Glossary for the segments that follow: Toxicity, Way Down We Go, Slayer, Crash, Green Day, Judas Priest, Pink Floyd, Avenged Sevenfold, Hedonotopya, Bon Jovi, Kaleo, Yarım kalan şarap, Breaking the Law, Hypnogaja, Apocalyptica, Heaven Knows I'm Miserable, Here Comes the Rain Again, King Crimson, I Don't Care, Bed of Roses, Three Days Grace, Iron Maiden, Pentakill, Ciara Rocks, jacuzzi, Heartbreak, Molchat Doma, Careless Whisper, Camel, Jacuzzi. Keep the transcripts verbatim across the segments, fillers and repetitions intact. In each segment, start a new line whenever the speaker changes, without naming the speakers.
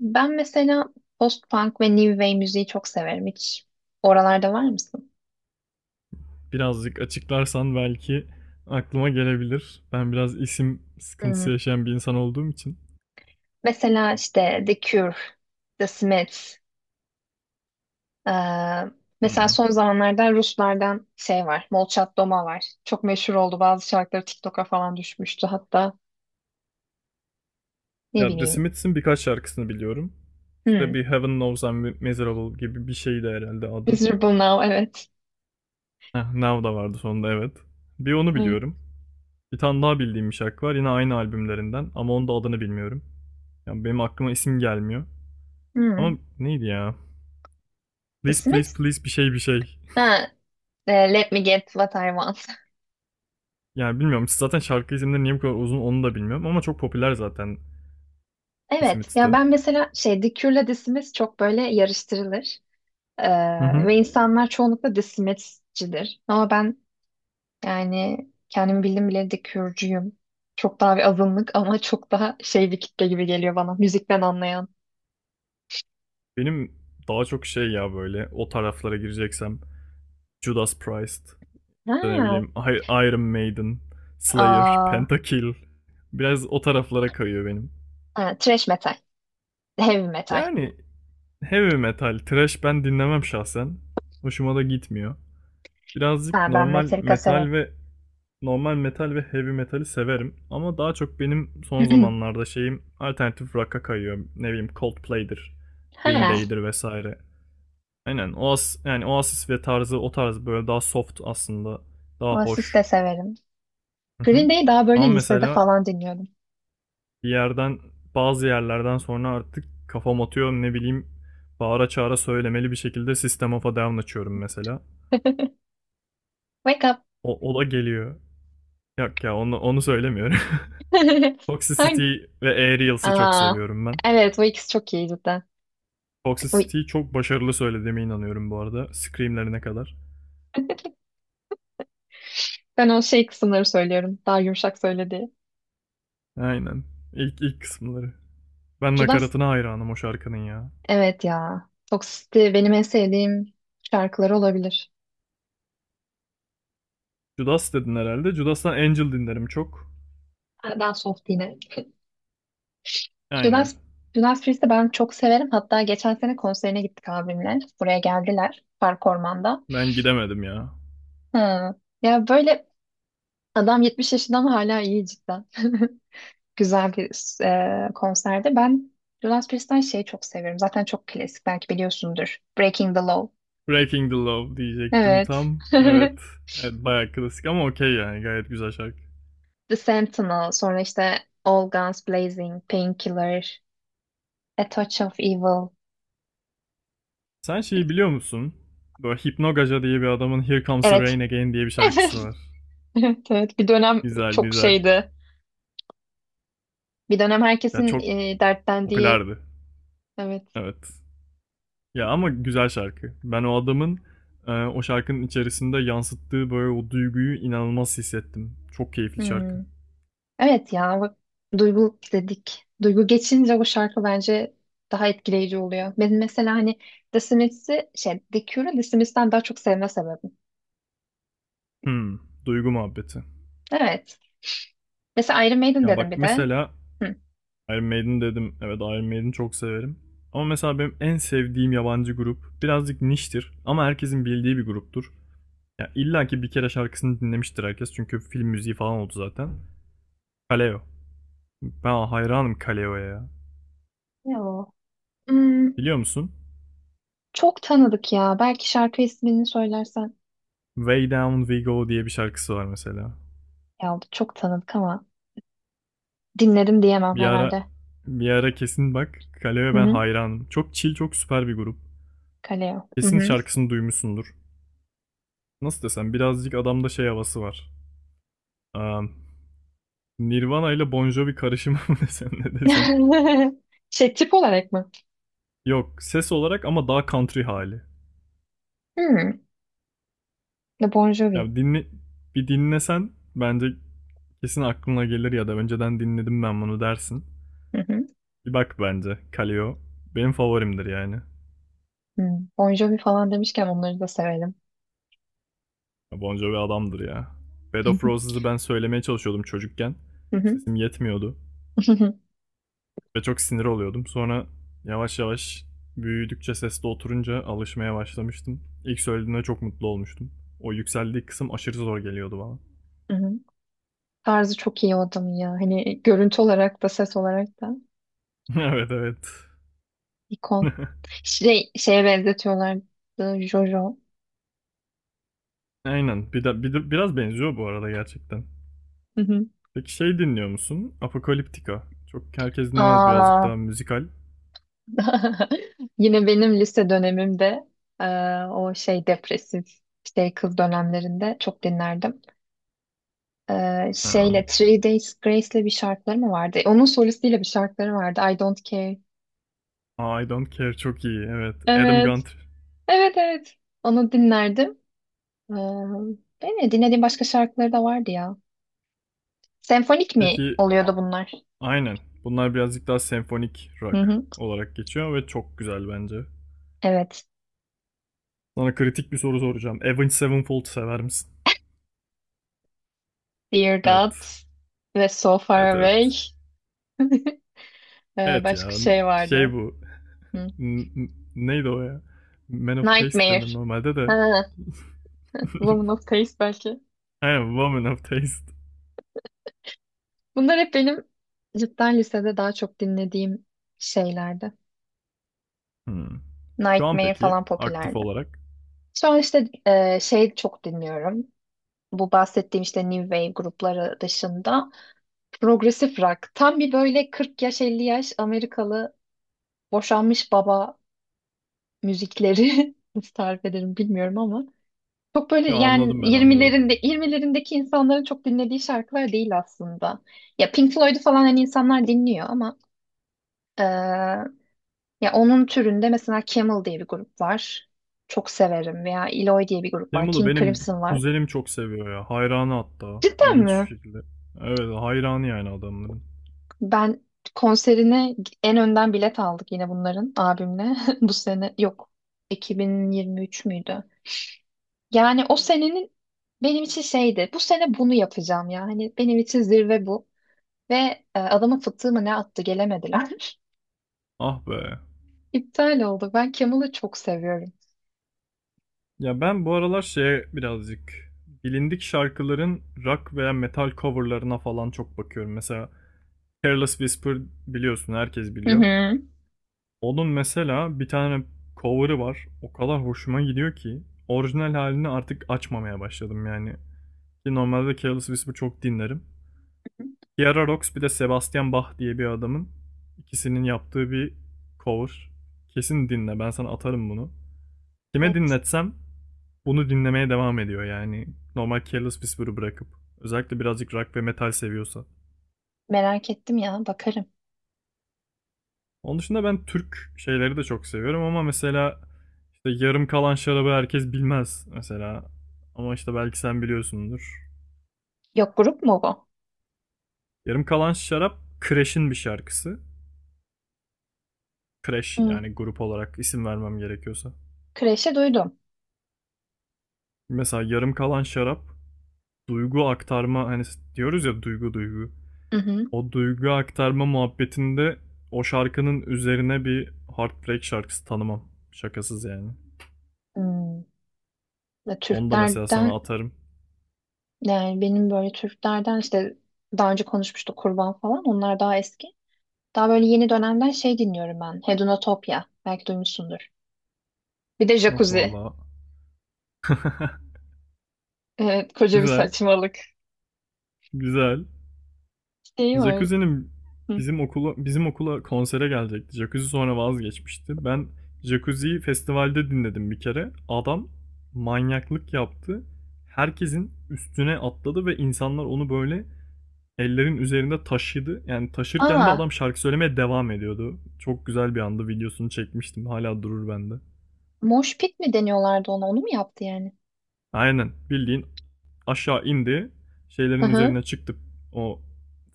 Ben mesela post-punk ve new wave müziği çok severim. Hiç oralarda var mısın?
Birazcık açıklarsan belki aklıma gelebilir. Ben biraz isim
Hmm.
sıkıntısı yaşayan bir insan olduğum için.
Mesela işte The Cure, The Smiths. eee, Mesela
Hmm.
son zamanlarda Ruslardan şey var. Molchat Doma var. Çok meşhur oldu. Bazı şarkıları TikTok'a falan düşmüştü hatta. Ne
Ya The
bileyim.
Smiths'in birkaç şarkısını biliyorum.
Hmm.
İşte bir Heaven Knows I'm Miserable gibi bir şeydi herhalde adı.
Miserable Now, evet.
Heh, Now da vardı sonunda evet. Bir onu
Evet.
biliyorum. Bir tane daha bildiğim bir şarkı var yine aynı albümlerinden ama onun da adını bilmiyorum. Yani benim aklıma isim gelmiyor.
Hmm.
Ama neydi ya?
The
Please please
Smiths?
please bir şey bir şey.
Ha, e, Let Me Get What I Want.
Yani bilmiyorum zaten şarkı isimleri niye bu kadar uzun onu da bilmiyorum ama çok popüler zaten The
Evet. Ya
Smiths'te.
ben mesela şey, The Cure'la The Smiths çok böyle yarıştırılır. Ee,
Hı hı.
ve insanlar çoğunlukla desimetçidir. Ama ben yani kendim bildim bileli de Kürcüyüm. Çok daha bir azınlık ama çok daha şey bir kitle gibi geliyor bana. Müzikten anlayan.
Benim daha çok şey ya böyle o taraflara gireceksem Judas Priest, işte ne
Ha,
bileyim I- Iron Maiden, Slayer,
aa,
Pentakill biraz o taraflara kayıyor benim.
ha, thrash metal. Heavy metal.
Yani heavy metal, thrash ben dinlemem şahsen. Hoşuma da gitmiyor. Birazcık
Ha, ben
normal
Metallica severim.
metal ve normal metal ve heavy metali severim ama daha çok benim son zamanlarda şeyim alternatif rock'a kayıyor. Ne bileyim Coldplay'dir, Green
Ha,
Day'dir vesaire. Aynen. Oas yani Oasis ve tarzı o tarz böyle daha soft aslında. Daha
Oasis
hoş.
de severim.
Hı hı.
Green Day'i daha
Ama
böyle lisede
mesela
falan dinliyordum.
bir yerden bazı yerlerden sonra artık kafam atıyor ne bileyim bağıra çağıra söylemeli bir şekilde System of a Down açıyorum mesela.
Wake up.
O, o da geliyor. Yok ya onu, onu söylemiyorum.
Hangi?
Toxicity ve Aerials'ı çok
Aa,
seviyorum ben.
evet, bu ikisi çok iyi cidden. Uy,
Toxicity'yi çok başarılı söylediğime inanıyorum bu arada. Screamlerine kadar.
ben o şey kısımları söylüyorum. Daha yumuşak söyledi.
Aynen. İlk, ilk kısımları. Ben
Judas,
nakaratına hayranım o şarkının ya.
evet ya. Toxicity benim en sevdiğim şarkıları olabilir.
Judas dedin herhalde. Judas'tan Angel dinlerim çok.
Daha soft yine.
Aynen.
Judas, Judas Priest'i ben çok severim. Hatta geçen sene konserine gittik abimle. Buraya geldiler. Park Orman'da.
Ben gidemedim ya.
Ha, ya böyle adam yetmiş yaşında ama hala iyi cidden. Güzel bir e, konserdi. Ben Judas Priest'ten şey çok severim. Zaten çok klasik, belki biliyorsundur. Breaking the Law.
Breaking the Law diyecektim
Evet.
tam. Evet. Evet bayağı klasik ama okey yani gayet güzel şarkı.
The Sentinel. Sonra işte All Guns Blazing, Painkiller. A Touch of Evil.
Sen şeyi biliyor musun? Böyle Hypnogaja diye bir adamın Here Comes the
Evet.
Rain Again diye bir
Evet.
şarkısı var.
Evet, evet. Bir dönem
Güzel
çok
güzel.
şeydi. Bir dönem
Ya
herkesin
çok
e, dertlendiği.
popülerdi.
Evet.
Evet. Ya ama güzel şarkı. Ben o adamın e, o şarkının içerisinde yansıttığı böyle o duyguyu inanılmaz hissettim. Çok keyifli şarkı.
Hmm. Evet ya, bak, duygu dedik. Duygu geçince bu şarkı bence daha etkileyici oluyor. Benim mesela hani The Smiths'i şey, The Cure'u The Smiths'ten daha çok sevme sebebim.
Hmm, duygu muhabbeti.
Evet. Mesela Iron Maiden
Ya bak
dedim bir de.
mesela
Hı.
Iron Maiden dedim. Evet Iron Maiden çok severim. Ama mesela benim en sevdiğim yabancı grup birazcık niştir ama herkesin bildiği bir gruptur. Ya illa ki bir kere şarkısını dinlemiştir herkes çünkü film müziği falan oldu zaten. Kaleo. Ben hayranım Kaleo'ya ya.
Ne o? Hmm,
Biliyor musun?
çok tanıdık ya. Belki şarkı ismini söylersen.
Way Down We Go diye bir şarkısı var mesela.
Ya çok tanıdık ama dinledim diyemem
Bir ara
herhalde.
bir ara kesin bak Kaleo'ya
Hı
ben
hı.
hayranım. Çok chill, çok süper bir grup.
Kaleo. Hı
Kesin
hı.
şarkısını duymuşsundur. Nasıl desem birazcık adamda şey havası var. Am, Nirvana ile Bon Jovi karışımı mı desem ne desem.
Şey, tip olarak mı?
Yok ses olarak ama daha country hali.
Hmm. The Bon Jovi.
Yani dinle, bir dinlesen bence kesin aklına gelir ya da önceden dinledim ben bunu dersin.
Hı hı.
Bir bak bence Kaleo benim favorimdir yani.
Hmm. Bon Jovi falan demişken onları da severim.
Ya Bon Jovi adamdır ya. Bed of Roses'ı ben söylemeye çalışıyordum çocukken.
Hı hı.
Sesim yetmiyordu. Ve çok sinir oluyordum. Sonra yavaş yavaş büyüdükçe sesli oturunca alışmaya başlamıştım. İlk söylediğinde çok mutlu olmuştum. O yükseldiği kısım aşırı zor geliyordu bana.
Hı hı. Tarzı çok iyi o adamın ya. Hani görüntü olarak da ses olarak da
evet evet.
ikon. Şey, şeye benzetiyorlardı, Jojo.
Aynen. Bir de, bir de- biraz benziyor bu arada gerçekten.
Hı hı.
Peki şey dinliyor musun? Apocalyptica. Çok herkes dinlemez birazcık
Aa.
daha müzikal.
Yine benim lise dönemimde e, o şey depresif şey kız dönemlerinde çok dinlerdim. Ee,
Um,
şeyle Three Days Grace'le bir şarkıları mı vardı? Onun solistiyle bir şarkıları vardı. I Don't Care.
I Don't Care çok iyi. Evet. Adam
Evet.
Gunter.
Evet evet. Onu dinlerdim. Ee, yani dinlediğim başka şarkıları da vardı ya. Senfonik mi
Peki
oluyordu bunlar?
aynen. Bunlar birazcık daha senfonik
Hı
rock
hı.
olarak geçiyor ve çok güzel bence.
Evet.
Sana kritik bir soru soracağım. Avenged Sevenfold sever misin?
Dear God
Evet.
ve So
Evet
Far
evet.
Away. Ee,
Evet
başka
ya
şey
şey
vardı.
bu.
Hı.
N- n- neydi o ya? Man of Taste
Nightmare.
denir normalde de.
Ha, Woman of Taste belki.
Aynen Woman of Taste.
Bunlar hep benim cidden lisede daha çok dinlediğim şeylerdi.
Hmm. Şu an
Nightmare
peki
falan
aktif
popülerdi.
olarak.
Şu an işte e, şey çok dinliyorum. Bu bahsettiğim işte new wave grupları dışında progresif rock. Tam bir böyle kırk yaş elli yaş Amerikalı boşanmış baba müzikleri nasıl tarif ederim bilmiyorum ama çok böyle
Ya
yani
anladım ben anladım.
yirmilerinde yirmilerindeki insanların çok dinlediği şarkılar değil aslında. Ya Pink Floyd'u falan hani insanlar dinliyor ama e, ya onun türünde mesela Camel diye bir grup var. Çok severim veya Eloy diye bir grup var.
Demo'da
King
benim
Crimson var.
kuzenim çok seviyor ya. Hayranı hatta.
Cidden
İlginç
mi?
bir şekilde. Evet hayranı yani adamların.
Ben konserine en önden bilet aldık yine bunların abimle. Bu sene yok. iki bin yirmi üç müydü? Yani o senenin benim için şeydi. Bu sene bunu yapacağım ya. Hani benim için zirve bu. Ve e, adamın fıtığı mı ne attı, gelemediler.
Ah be.
İptal oldu. Ben Kemal'ı çok seviyorum.
Ya ben bu aralar şeye birazcık bilindik şarkıların rock veya metal coverlarına falan çok bakıyorum. Mesela Careless Whisper biliyorsun herkes
Hı
biliyor.
hı.
Onun mesela bir tane cover'ı var. O kadar hoşuma gidiyor ki orijinal halini artık açmamaya başladım yani. Ki normalde Careless Whisper çok dinlerim. Ciara Rocks bir de Sebastian Bach diye bir adamın ikisinin yaptığı bir cover. Kesin dinle ben sana atarım bunu. Kime
Evet.
dinletsem bunu dinlemeye devam ediyor yani. Normal Careless Whisper'ı bırakıp. Özellikle birazcık rock ve metal seviyorsa.
Merak ettim ya. Bakarım.
Onun dışında ben Türk şeyleri de çok seviyorum ama mesela işte yarım kalan şarabı herkes bilmez mesela. Ama işte belki sen biliyorsundur.
Yok, grup mu bu?
Yarım kalan şarap Crash'in bir şarkısı. Crash
Hı.
yani grup olarak isim vermem gerekiyorsa.
Kreşe duydum.
Mesela yarım kalan şarap duygu aktarma hani diyoruz ya duygu duygu.
Hı hı.
O duygu aktarma muhabbetinde o şarkının üzerine bir Heartbreak şarkısı tanımam. Şakasız yani.
Hmm. Ve
Onu da mesela sana
Türklerden
atarım.
yani benim böyle Türklerden işte daha önce konuşmuştuk, kurban falan. Onlar daha eski. Daha böyle yeni dönemden şey dinliyorum ben. Hedonotopya. Belki duymuşsundur. Bir de
Yok
jacuzzi.
vallahi.
Evet, koca bir
Güzel.
saçmalık.
Güzel.
Şey var.
Jacuzzi'nin
Hı.
bizim okula bizim okula konsere gelecekti. Jacuzzi sonra vazgeçmişti. Ben Jacuzzi'yi festivalde dinledim bir kere. Adam manyaklık yaptı. Herkesin üstüne atladı ve insanlar onu böyle ellerin üzerinde taşıdı. Yani taşırken de
Aa,
adam şarkı söylemeye devam ediyordu. Çok güzel bir andı. Videosunu çekmiştim. Hala durur bende.
mosh pit mi deniyorlardı ona? Onu mu yaptı yani?
Aynen. Bildiğin aşağı indi.
Hı
Şeylerin
hı.
üzerine çıktı. O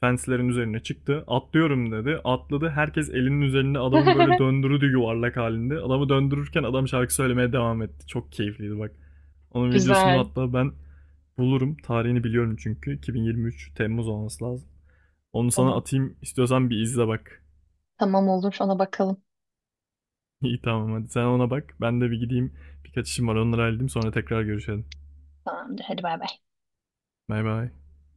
fenslerin üzerine çıktı. Atlıyorum dedi. Atladı. Herkes elinin üzerinde adamı böyle döndürdü yuvarlak halinde. Adamı döndürürken adam şarkı söylemeye devam etti. Çok keyifliydi bak. Onun videosunu
Güzel.
hatta ben bulurum. Tarihini biliyorum çünkü. iki bin yirmi üç Temmuz olması lazım. Onu sana
Tamam.
atayım. İstiyorsan bir izle bak.
Tamam, olur. Ona bakalım.
İyi tamam hadi sen ona bak. Ben de bir gideyim. Birkaç işim var onları halledeyim sonra tekrar görüşelim.
Tamamdır. Hadi bay bay.
Bay bay.